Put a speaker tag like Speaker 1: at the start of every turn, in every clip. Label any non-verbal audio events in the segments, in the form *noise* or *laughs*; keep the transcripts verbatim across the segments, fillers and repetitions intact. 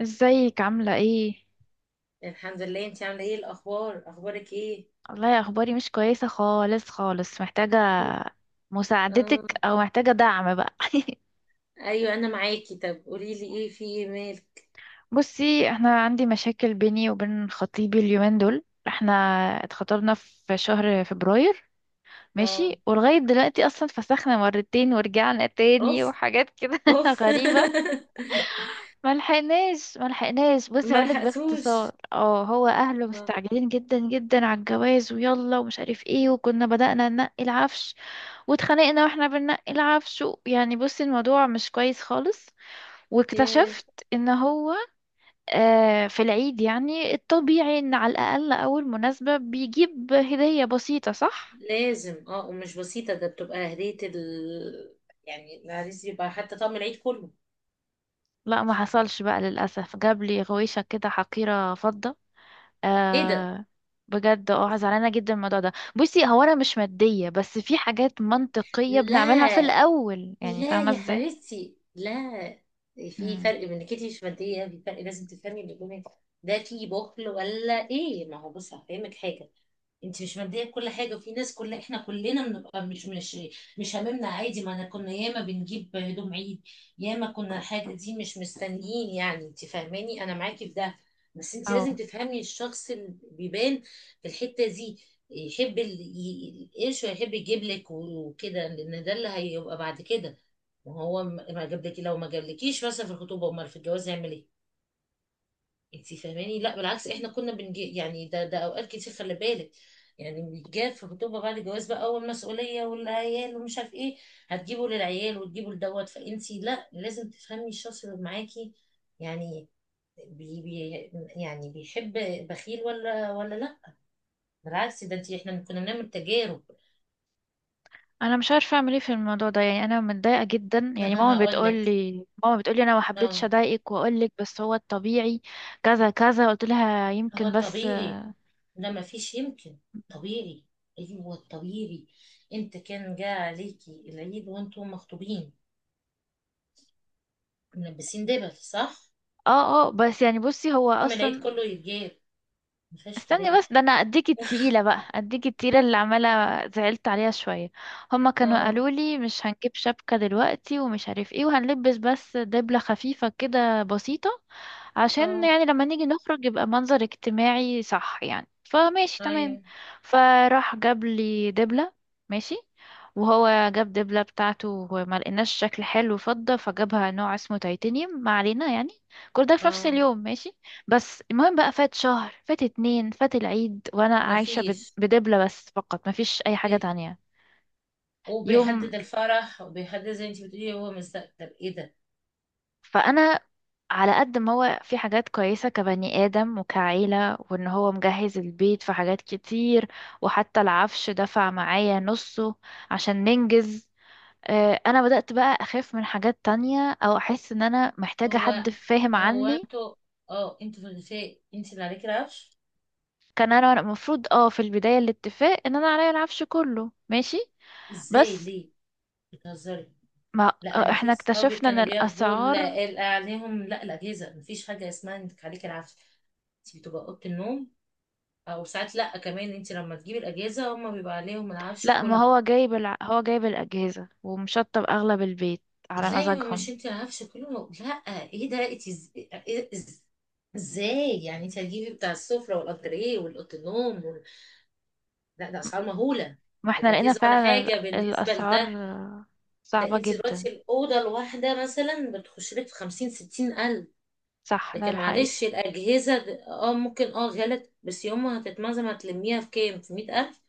Speaker 1: ازيك عاملة ايه؟
Speaker 2: الحمد لله، انت عامله ايه الاخبار؟ اخبارك ايه؟
Speaker 1: والله اخباري مش كويسة خالص خالص محتاجة مساعدتك
Speaker 2: اه،
Speaker 1: او محتاجة دعم بقى.
Speaker 2: ايوه، انا معاكي. طب قولي لي ايه، في ايه، مالك؟
Speaker 1: *laughs* بصي، احنا عندي مشاكل بيني وبين خطيبي اليومين دول. احنا اتخطبنا في شهر فبراير،
Speaker 2: اه،
Speaker 1: ماشي، ولغاية دلوقتي اصلا فسخنا مرتين ورجعنا تاني
Speaker 2: اوف،
Speaker 1: وحاجات كده *laughs*
Speaker 2: اوف.
Speaker 1: غريبة.
Speaker 2: *laughs*
Speaker 1: ملحقناش ملحقناش بصي،
Speaker 2: ما
Speaker 1: هقولك باختصار،
Speaker 2: لحقتوش.
Speaker 1: اه هو اهله
Speaker 2: اه،
Speaker 1: مستعجلين جدا جدا على الجواز ويلا ومش عارف ايه، وكنا بدأنا ننقي العفش واتخانقنا واحنا بننقي العفش و- يعني بصي الموضوع مش كويس خالص.
Speaker 2: ياه.
Speaker 1: واكتشفت ان هو، آه، في العيد يعني الطبيعي ان على الاقل اول مناسبة بيجيب هدية بسيطة، صح؟
Speaker 2: لازم، اه، ومش بسيطه، ده بتبقى هديه ال يعني العريس، يبقى حتى طقم العيد كله.
Speaker 1: لا، ما حصلش بقى للاسف، جاب لي غويشة كده حقيرة فضة.
Speaker 2: ايه ده؟
Speaker 1: آه، بجد اه زعلانة جدا من الموضوع ده. بصي هو انا مش مادية، بس في حاجات منطقية بنعملها في
Speaker 2: لا،
Speaker 1: الاول، يعني
Speaker 2: لا
Speaker 1: فاهمة
Speaker 2: يا
Speaker 1: ازاي.
Speaker 2: حبيبتي، لا. في فرق بين انك انت مش ماديه، في فرق. لازم تفهمي اللي جواك، ده في بخل ولا ايه؟ ما هو بص هفهمك حاجه. انت مش ماديه بكل حاجه، وفي ناس، كل احنا كلنا بنبقى مش مش مش هممنا، عادي. ما انا كنا ياما بنجيب هدوم عيد، ياما كنا حاجه دي مش مستنيين، يعني انت فاهماني؟ انا معاكي في ده. بس انت لازم
Speaker 1: امم،
Speaker 2: تفهمي الشخص اللي بيبان في الحته دي، يحب ال- ي- القرش، ويحب يجيب لك وكده، لان ده اللي هيبقى بعد كده. ما هو م- ما جابلك، لو ما جابلكيش مثلا في الخطوبه، امال في الجواز هيعمل ايه؟ انت فاهماني؟ لا بالعكس، احنا كنا بنجي يعني ده ده اوقات كتير خلي بالك. يعني بيتجاب في الخطوبه، بعد الجواز بقى اول مسؤوليه، والعيال ومش عارف ايه، هتجيبه للعيال وتجيبه لدوت، فانت لا، لازم تفهمي الشخص اللي معاكي، يعني بي بي يعني بيحب، بخيل ولا ولا لا. بالعكس، ده انت احنا كنا بنعمل تجارب.
Speaker 1: انا مش عارفه اعمل ايه في الموضوع ده، يعني انا متضايقه جدا.
Speaker 2: طب
Speaker 1: يعني
Speaker 2: انا
Speaker 1: ماما
Speaker 2: هقول
Speaker 1: بتقول
Speaker 2: لك.
Speaker 1: لي، ماما بتقول لي انا ما حبيتش
Speaker 2: اه.
Speaker 1: اضايقك واقول لك، بس هو الطبيعي كذا كذا. قلت لها
Speaker 2: هو
Speaker 1: يمكن، بس
Speaker 2: طبيعي، ده ما فيش يمكن، طبيعي. ايوه طبيعي. انت كان جاء عليكي العيد وانتم مخطوبين ملبسين دبل، صح؟
Speaker 1: اه اه بس يعني بصي هو
Speaker 2: طقم العيد
Speaker 1: اصلا.
Speaker 2: كله يتجاب، ما فيهاش
Speaker 1: استني
Speaker 2: كلام.
Speaker 1: بس، ده انا اديك التقيله بقى، اديك التقيله اللي عماله زعلت عليها شويه. هما كانوا
Speaker 2: اه،
Speaker 1: قالوا لي مش هنجيب شبكه دلوقتي ومش عارف ايه، وهنلبس بس دبله خفيفه كده بسيطه عشان
Speaker 2: اه،
Speaker 1: يعني لما نيجي نخرج يبقى منظر اجتماعي، صح؟ يعني فماشي تمام.
Speaker 2: ايوه،
Speaker 1: فراح جاب لي دبله، ماشي، وهو جاب دبله بتاعته وما لقيناش شكل حلو فضه، فجابها نوع اسمه تيتانيوم، ما علينا يعني. كل ده في نفس
Speaker 2: اه.
Speaker 1: اليوم، ماشي. بس المهم بقى، فات شهر، فات اتنين، فات العيد، وانا
Speaker 2: ما
Speaker 1: عايشة بد-
Speaker 2: فيش.
Speaker 1: بدبلة بس فقط، مفيش اي حاجة
Speaker 2: ايه ده؟
Speaker 1: تانية يوم.
Speaker 2: وبيحدد الفرح، وبيحدد، زي انت بتقولي، هو مستقبل. ايه ده؟
Speaker 1: فانا على قد ما هو في حاجات كويسة كبني آدم وكعيلة، وان هو مجهز البيت في حاجات كتير، وحتى العفش دفع معايا نصه عشان ننجز. آه، انا بدأت بقى اخاف من حاجات تانية، او احس ان انا محتاجة
Speaker 2: هو
Speaker 1: حد فاهم
Speaker 2: هو
Speaker 1: عني.
Speaker 2: انتوا، اه، انتوا في الغفاء انت اللي عليكي العفش؟
Speaker 1: كان انا المفروض، اه في البداية الاتفاق ان انا عليا العفش كله، ماشي،
Speaker 2: ازاي؟
Speaker 1: بس
Speaker 2: ليه؟ بتهزري؟
Speaker 1: ما
Speaker 2: لا، انا في
Speaker 1: احنا
Speaker 2: صحابي
Speaker 1: اكتشفنا ان
Speaker 2: كانوا بياخدوا ال-
Speaker 1: الاسعار،
Speaker 2: ال- عليهم، لا الاجهزه، مفيش حاجه اسمها انك عليك العافيه. انت بتبقى اوضه النوم، او ساعات، لا كمان انت لما تجيبي الاجهزه هما بيبقى عليهم العفش
Speaker 1: لا ما
Speaker 2: كله.
Speaker 1: هو جايب الع... هو جايب الاجهزه ومشطب اغلب البيت على
Speaker 2: لا يا، مش
Speaker 1: مزاجهم.
Speaker 2: انت العفش كله، لا. ايه ده؟ انت إز- إيه- إز- ازاي يعني؟ انت هتجيبي بتاع السفره والانتريه والاوضه النوم وال... لا، ده اسعار مهوله.
Speaker 1: ما احنا لقينا
Speaker 2: الاجهزه ولا
Speaker 1: فعلا ال-
Speaker 2: حاجه بالنسبه لده،
Speaker 1: الاسعار
Speaker 2: ده
Speaker 1: صعبه
Speaker 2: انت دلوقتي
Speaker 1: جدا.
Speaker 2: الاوضه الواحده مثلا بتخش لك في خمسين ستين الف.
Speaker 1: صح، ده
Speaker 2: لكن
Speaker 1: الحقيقه،
Speaker 2: معلش الأجهزة د- اه ممكن، اه، غلط، بس يوم ما هتتمزم هتلميها في كام، في مية ألف.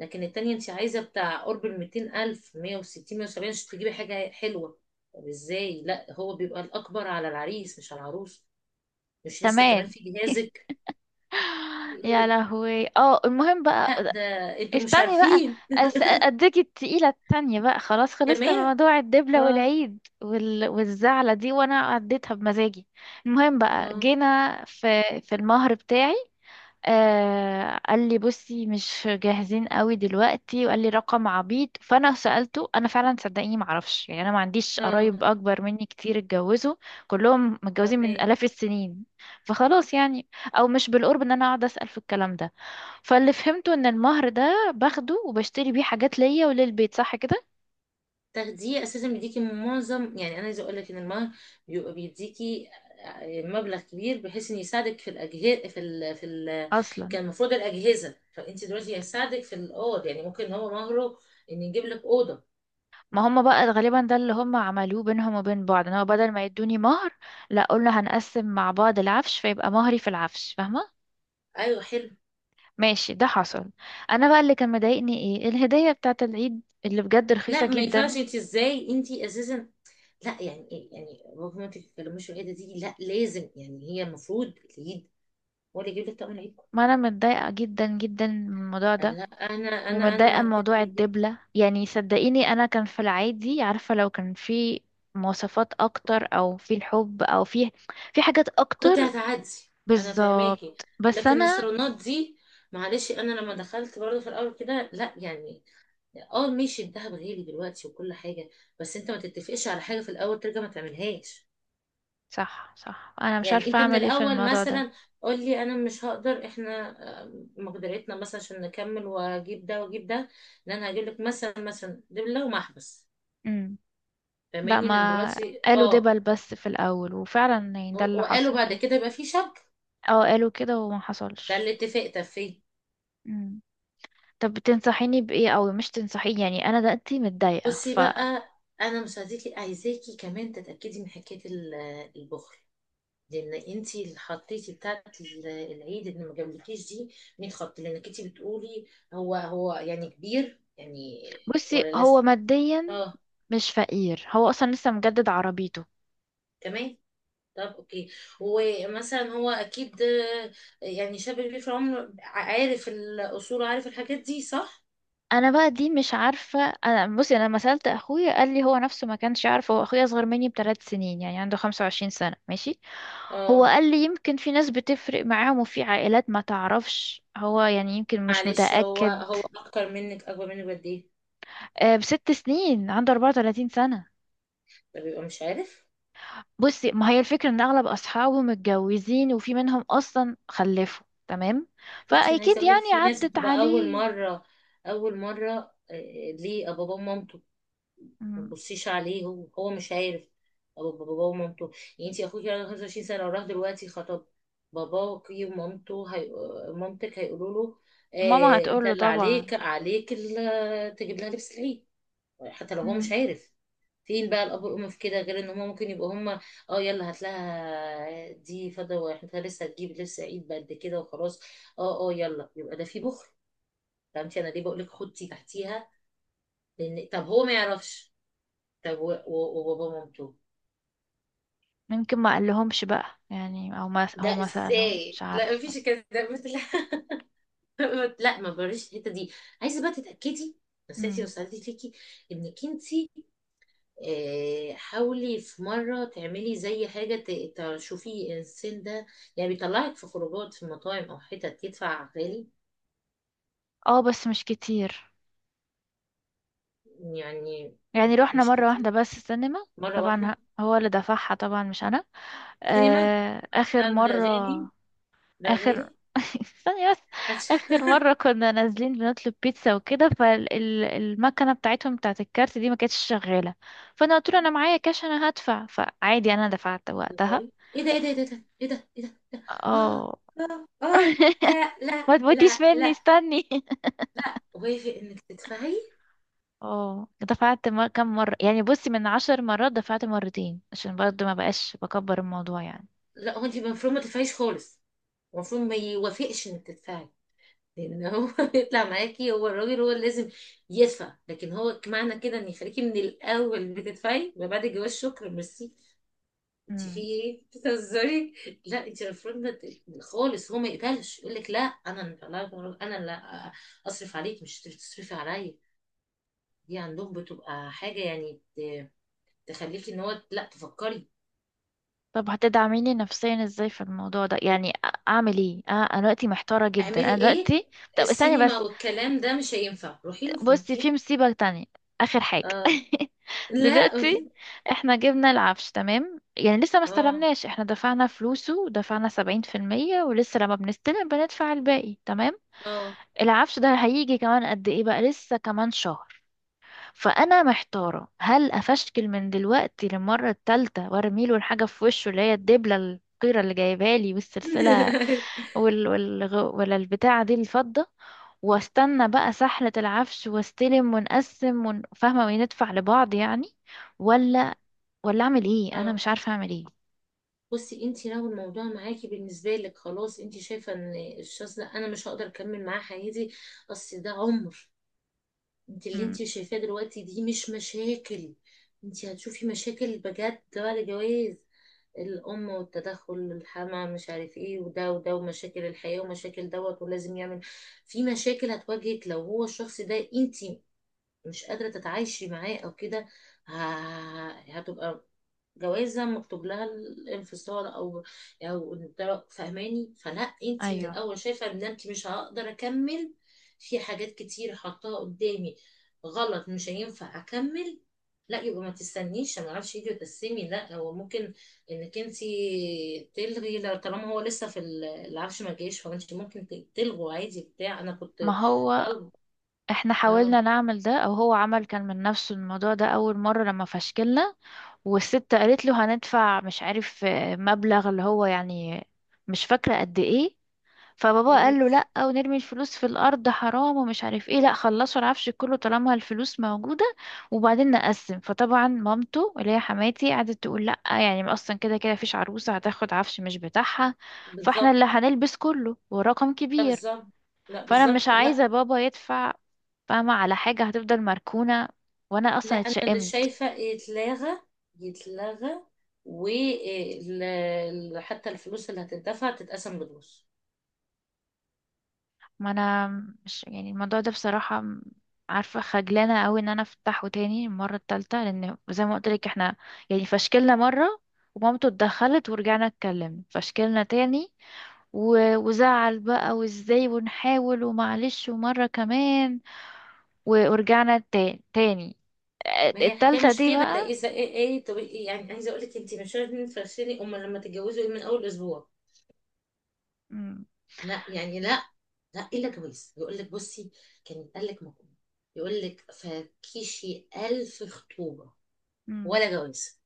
Speaker 2: لكن التانية انت عايزة بتاع قرب الميتين ألف، مية وستين، مية وسبعين، عشان تجيبي حاجة حلوة. طب ازاي؟ لا، هو بيبقى الأكبر على العريس، مش على العروس. مش لسه كمان
Speaker 1: كمان
Speaker 2: في جهازك؟
Speaker 1: يا
Speaker 2: إيه؟
Speaker 1: لهوي. اه، المهم بقى،
Speaker 2: لا، ده انتوا مش
Speaker 1: استني بقى،
Speaker 2: عارفين
Speaker 1: أس... اديك التقيله التانية بقى. خلاص، خلصنا من
Speaker 2: كمان.
Speaker 1: موضوع الدبله
Speaker 2: اه،
Speaker 1: والعيد وال... والزعله دي، وانا عديتها بمزاجي. المهم بقى،
Speaker 2: اه،
Speaker 1: جينا في في المهر بتاعي. آه، قال لي بصي مش جاهزين قوي دلوقتي، وقال لي رقم عبيط. فانا سألته، انا فعلا صدقيني ما اعرفش، يعني انا ما عنديش قرايب
Speaker 2: اه.
Speaker 1: اكبر مني كتير اتجوزوا، كلهم متجوزين من
Speaker 2: تمام.
Speaker 1: الاف السنين، فخلاص يعني. او مش بالقرب ان انا اقعد اسأل في الكلام ده. فاللي فهمته ان المهر ده باخده وبشتري بيه حاجات ليا وللبيت، صح كده؟
Speaker 2: تاخديه اساسا بيديكي معظم، يعني انا عايزه اقول لك ان المهر بيبقى بيديكي، آه، مبلغ كبير، بحيث ان يساعدك في الاجهزه، في ال... في ال...
Speaker 1: اصلا
Speaker 2: كان المفروض الاجهزه. فانت دلوقتي هيساعدك في الاوض، يعني ممكن ان هو مهره ان يجيب لك اوضه.
Speaker 1: ما هم بقى غالبا ده اللي هم عملوه بينهم وبين بعض، ان هو بدل ما يدوني مهر، لا قلنا هنقسم مع بعض العفش، فيبقى مهري في العفش، فاهمة؟
Speaker 2: ايوه، حلو.
Speaker 1: ماشي، ده حصل. انا بقى اللي كان مضايقني ايه، الهدية بتاعت العيد اللي بجد رخيصة
Speaker 2: لا ما ينفعش،
Speaker 1: جدا.
Speaker 2: انت ازاي؟ انت اساسا، لا يعني إيه؟ يعني بابا ما تتكلموش في الحته دي، لا لازم، يعني هي المفروض العيد هو اللي يجيب لك طقم العيد.
Speaker 1: ما انا متضايقة جدا جدا من الموضوع ده،
Speaker 2: لا انا انا
Speaker 1: ومتضايقة من
Speaker 2: انا كان
Speaker 1: موضوع
Speaker 2: بيجيب.
Speaker 1: الدبلة. يعني صدقيني انا كان في العادي عارفة لو كان في مواصفات اكتر، او في الحب، او في في حاجات
Speaker 2: كنت
Speaker 1: اكتر.
Speaker 2: هتعدي. انا فاهماكي.
Speaker 1: بالظبط، بس
Speaker 2: لكن
Speaker 1: انا،
Speaker 2: الصالونات دي، معلش انا لما دخلت برضه في الاول كده، لا يعني، اه ماشي، الدهب غالي دلوقتي وكل حاجه، بس انت ما تتفقش على حاجه في الاول ترجع ما تعملهاش.
Speaker 1: صح صح، انا مش
Speaker 2: يعني
Speaker 1: عارفة
Speaker 2: انت من
Speaker 1: اعمل ايه في
Speaker 2: الاول
Speaker 1: الموضوع ده.
Speaker 2: مثلا قول لي انا مش هقدر، احنا، آه، مقدرتنا مثلا عشان نكمل، واجيب ده واجيب ده، ان انا هجيب لك مثلا مثلا دبله ومحبس،
Speaker 1: امم. لا
Speaker 2: فاهماني؟ لان
Speaker 1: ما
Speaker 2: دلوقتي،
Speaker 1: قالوا
Speaker 2: اه،
Speaker 1: دبل بس في الاول، وفعلا يعني ده
Speaker 2: و-
Speaker 1: اللي
Speaker 2: وقالوا
Speaker 1: حصل.
Speaker 2: بعد كده يبقى في شبكه،
Speaker 1: اه قالوا كده وما
Speaker 2: ده اللي
Speaker 1: حصلش.
Speaker 2: اتفق فيه.
Speaker 1: مم. طب بتنصحيني بإيه؟ أوي مش تنصحيني يعني، أنا دلوقتي متضايقة.
Speaker 2: بصي بقى، انا مصدقك، عايزاكي كمان تتاكدي من حكايه ال- البخل، لان انت اللي حطيتي بتاعت ال- العيد اللي ما جابلكيش دي. مين خط؟ لانك انت بتقولي هو هو يعني كبير، يعني
Speaker 1: فبصي
Speaker 2: ولا
Speaker 1: هو
Speaker 2: لسه؟
Speaker 1: ماديا
Speaker 2: اه،
Speaker 1: مش فقير، هو أصلا لسه مجدد عربيته.
Speaker 2: كمان. طب اوكي، ومثلا هو اكيد، آه، يعني شاب كبير في العمر، عارف الاصول وعارف الحاجات دي، صح؟
Speaker 1: أنا بقى دي مش عارفة. أنا بصي، أنا لما سألت أخويا قال لي هو نفسه ما كانش يعرف، هو أخويا أصغر مني بثلاث سنين يعني عنده خمسة وعشرين سنة، ماشي. هو
Speaker 2: اه،
Speaker 1: قال لي يمكن في ناس بتفرق معاهم وفي عائلات ما تعرفش، هو يعني يمكن مش
Speaker 2: معلش، هو
Speaker 1: متأكد.
Speaker 2: هو اكتر منك، اكبر منك قد ايه؟
Speaker 1: آه، بست سنين، عنده اربعة وثلاثين سنة.
Speaker 2: ده بيبقى مش عارف.
Speaker 1: بصي ما هي الفكرة ان اغلب اصحابه متجوزين، وفي منهم اصلا خلفوا، تمام،
Speaker 2: بصي، انا عايزه
Speaker 1: فاكيد
Speaker 2: اقول لك،
Speaker 1: يعني
Speaker 2: في ناس
Speaker 1: عدت
Speaker 2: بتبقى اول
Speaker 1: عليه.
Speaker 2: مره، اول مره، آه، ليه بابا ومامته ما
Speaker 1: مم.
Speaker 2: تبصيش عليه، هو هو مش عارف. أبو- بابا ومامته، يعني انت اخوك عنده خمسة وعشرين سنه وراح دلوقتي خطب، باباك ومامته، هي... مامتك، هيقولوا له
Speaker 1: ماما
Speaker 2: آه انت
Speaker 1: هتقوله
Speaker 2: اللي
Speaker 1: طبعا.
Speaker 2: عليك عليك ال- تجيب لها لبس العيد، حتى لو هو مش
Speaker 1: مم.
Speaker 2: عارف. فين بقى الاب والام في كده، غير ان هم ممكن يبقوا هم، اه، يلا هات لها دي فضه، واحنا لسه هتجيب لبس عيد بقد كده وخلاص. اه، اه، يلا، يبقى ده في بخل. فهمتي انا ليه بقول لك خدتي تحتيها؟ لان طب هو ما يعرفش، طب و- و- وبابا مامته،
Speaker 1: يمكن ما قالهمش بقى يعني، او ما هو
Speaker 2: ده
Speaker 1: ما سألهم،
Speaker 2: ازاي؟
Speaker 1: مش
Speaker 2: لا
Speaker 1: عارفة.
Speaker 2: مفيش كده، ده بت- لا. *laughs* لا ما بريش الحته دي. عايزه بقى تتاكدي. نصيحتي
Speaker 1: مم.
Speaker 2: وسالتي ليكي انك انتي، آه، حاولي في مرة تعملي زي حاجة ت- تشوفي السن ده، يعني بيطلعك في خروجات، في مطاعم؟ أو حتت تدفع غالي؟
Speaker 1: اه بس مش كتير،
Speaker 2: يعني،
Speaker 1: يعني
Speaker 2: لا،
Speaker 1: روحنا
Speaker 2: مش
Speaker 1: مرة واحدة
Speaker 2: كتير.
Speaker 1: بس السينما.
Speaker 2: مرة
Speaker 1: طبعا،
Speaker 2: واحدة
Speaker 1: ه- هو اللي دفعها طبعا مش انا.
Speaker 2: سينما،
Speaker 1: آه،
Speaker 2: أو،
Speaker 1: اخر
Speaker 2: ده
Speaker 1: مرة،
Speaker 2: غالي، ده
Speaker 1: اخر
Speaker 2: غالي،
Speaker 1: *laughs* ثانية بس. اخر
Speaker 2: عشان،
Speaker 1: مرة كنا نازلين بنطلب بيتزا وكده، فالمكنة بتاعتهم بتاعت الكارت دي ما كانتش شغالة، فانا قلت له انا معايا كاش انا هدفع، فعادي انا دفعت
Speaker 2: *laughs*
Speaker 1: وقتها.
Speaker 2: سوري. ايه ده؟ ايه ده؟ ايه ده؟ ايه ده؟ ايه ده؟ إيه ده؟ اه،
Speaker 1: اه
Speaker 2: اه، اه.
Speaker 1: *laughs*
Speaker 2: لا، لا،
Speaker 1: ما تموتيش
Speaker 2: لا،
Speaker 1: مني،
Speaker 2: لا.
Speaker 1: استني. *laughs*
Speaker 2: وافق انك تدفعي؟
Speaker 1: اه دفعت مر... كم مرة يعني، بصي من عشر مرات دفعت مرتين عشان برضه ما بقاش بكبر الموضوع يعني.
Speaker 2: لا، هو انت المفروض ما تدفعيش خالص، المفروض ما يوافقش انك تدفعي. لان هو *laughs* يطلع معاكي، هو الراجل، هو اللي لازم يدفع، لكن هو معنى كده ان يخليكي من الاول بتدفعي، ما بعد الجواز شكرا، ميرسي. انت في
Speaker 1: مم.
Speaker 2: ايه؟ بتهزري؟ لا انت المفروض ما ت- خالص، هو ما يقبلش، يقول لك لا انا، لا انا، لا، اصرف عليك مش تصرفي عليا، دي عندهم بتبقى حاجه يعني ت- تخليكي ان هو لا، تفكري.
Speaker 1: طب هتدعميني نفسيا ازاي في الموضوع ده؟ يعني أ- اعمل ايه؟ أ- انا دلوقتي محتارة جدا،
Speaker 2: اعملي
Speaker 1: انا
Speaker 2: ايه؟
Speaker 1: دلوقتي. طب استني
Speaker 2: السينما
Speaker 1: بس،
Speaker 2: والكلام ده مش هينفع، روحي له في
Speaker 1: بصي في
Speaker 2: مكان.
Speaker 1: مصيبة تانية، آخر حاجة. *laughs*
Speaker 2: اه، لا
Speaker 1: دلوقتي
Speaker 2: قولي.
Speaker 1: احنا جبنا العفش، تمام؟ يعني لسه ما
Speaker 2: اه،
Speaker 1: استلمناش، احنا دفعنا فلوسه، دفعنا سبعين في المية ولسه لما بنستلم بندفع الباقي، تمام.
Speaker 2: اه،
Speaker 1: العفش ده هيجي كمان قد ايه بقى؟ لسه كمان شهر. فأنا محتارة هل أفشكل من دلوقتي للمرة التالتة وارميله الحاجة في وشه، اللي هي الدبلة القيرة اللي جايبالي والسلسلة
Speaker 2: *laughs*
Speaker 1: وال... وال... ولا البتاعة دي الفضة، واستنى بقى سحلة العفش واستلم ونقسم ون... فاهمة، وندفع لبعض يعني، ولا، ولا اعمل ايه؟ انا
Speaker 2: اه.
Speaker 1: مش عارفة اعمل ايه.
Speaker 2: بصي، انت لو الموضوع معاكي بالنسبه لك خلاص، انت شايفه ان الشخص ده انا مش هقدر اكمل معاه حياتي، اصل ده عمر. انت اللي
Speaker 1: امم،
Speaker 2: انت شايفاه دلوقتي دي مش مشاكل، انت هتشوفي مشاكل بجد بعد الجواز، الام والتدخل، الحما مش عارف ايه، وده وده، ومشاكل الحياه، ومشاكل دوت، ولازم يعمل. في مشاكل هتواجهك، لو هو الشخص ده انت مش قادره تتعايشي معاه او كده، ه- هتبقى جوازة مكتوب لها الانفصال، او، او ده- فاهماني؟ فلا، انت من
Speaker 1: ايوه.
Speaker 2: الاول شايفة ان انت مش هقدر اكمل، في حاجات كتير حطاها قدامي غلط، مش هينفع اكمل. لا يبقى ما تستنيش، ما اعرفش، يجي وتقسمي. لا، هو ممكن انك انت تلغي لو- طالما هو لسه في ال- العفش ما جاش، فانت ممكن ت- تلغوا عادي بتاع انا كنت
Speaker 1: ما هو
Speaker 2: طالبه.
Speaker 1: احنا
Speaker 2: آه،
Speaker 1: حاولنا نعمل ده، او هو عمل كان من نفسه الموضوع ده اول مرة لما فشكلنا، والست قالت له هندفع مش عارف، آه، مبلغ اللي هو يعني مش فاكرة قد ايه. فبابا قال له لا، ونرمي الفلوس في الارض حرام ومش عارف ايه، لا خلصوا العفش كله طالما الفلوس موجوده وبعدين نقسم. فطبعا مامته اللي هي حماتي قعدت تقول لا يعني، ما اصلا كده كده فيش عروسه هتاخد عفش مش بتاعها، فاحنا
Speaker 2: بالظبط.
Speaker 1: اللي هنلبس كله ورقم
Speaker 2: لا،
Speaker 1: كبير.
Speaker 2: بالظبط. لا
Speaker 1: فانا مش
Speaker 2: بالظبط،
Speaker 1: عايزه
Speaker 2: لا.
Speaker 1: بابا يدفع فاهمه، على حاجه هتفضل مركونه، وانا
Speaker 2: لا،
Speaker 1: اصلا
Speaker 2: انا اللي
Speaker 1: اتشائمت.
Speaker 2: شايفه يتلغى، يتلغى، وحتى الفلوس اللي هتدفع تتقسم بالنص.
Speaker 1: ما انا مش يعني الموضوع ده بصراحة، م- عارفة خجلانة قوي ان انا افتحه تاني المرة التالتة، لان زي ما قلت لك احنا يعني فشكلنا مرة، ومامته اتدخلت ورجعنا اتكلمنا، فشكلنا تاني و- وزعل بقى وازاي ونحاول ومعلش، ومرة كمان و- ورجعنا تا- تاني.
Speaker 2: ما هي الحكايه
Speaker 1: التالتة
Speaker 2: مش
Speaker 1: دي
Speaker 2: كده،
Speaker 1: بقى.
Speaker 2: ده اذا ايه، ايه، إيه، طب إيه؟ يعني عايزه اقول لك، انت مش عارفه تفرشيني، امال لما تتجوزوا ايه من اول اسبوع؟
Speaker 1: مم.
Speaker 2: لا يعني، لا، لا، الا جواز. يقول لك بصي كان قال لك مقوم، يقول لك فكيشي، الف خطوبه
Speaker 1: مم.
Speaker 2: ولا جواز؟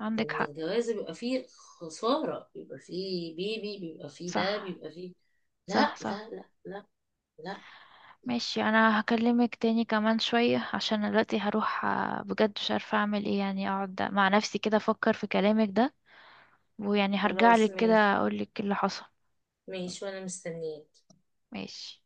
Speaker 1: عندك
Speaker 2: لان
Speaker 1: حق.
Speaker 2: الجواز بيبقى فيه خساره، بيبقى فيه بيبي، بيبقى فيه ده،
Speaker 1: صح
Speaker 2: بيبقى فيه.
Speaker 1: صح
Speaker 2: لا،
Speaker 1: صح.
Speaker 2: لا، لا، لا. لا.
Speaker 1: ماشي، انا هكلمك تاني كمان شوية عشان دلوقتي هروح. آه، بجد مش عارفة اعمل ايه، يعني اقعد مع نفسي كده افكر في كلامك ده، ويعني هرجع
Speaker 2: خلاص،
Speaker 1: لك كده
Speaker 2: ماشي.
Speaker 1: اقول لك اللي حصل.
Speaker 2: ماشي، وانا مستنيه.
Speaker 1: ماشي.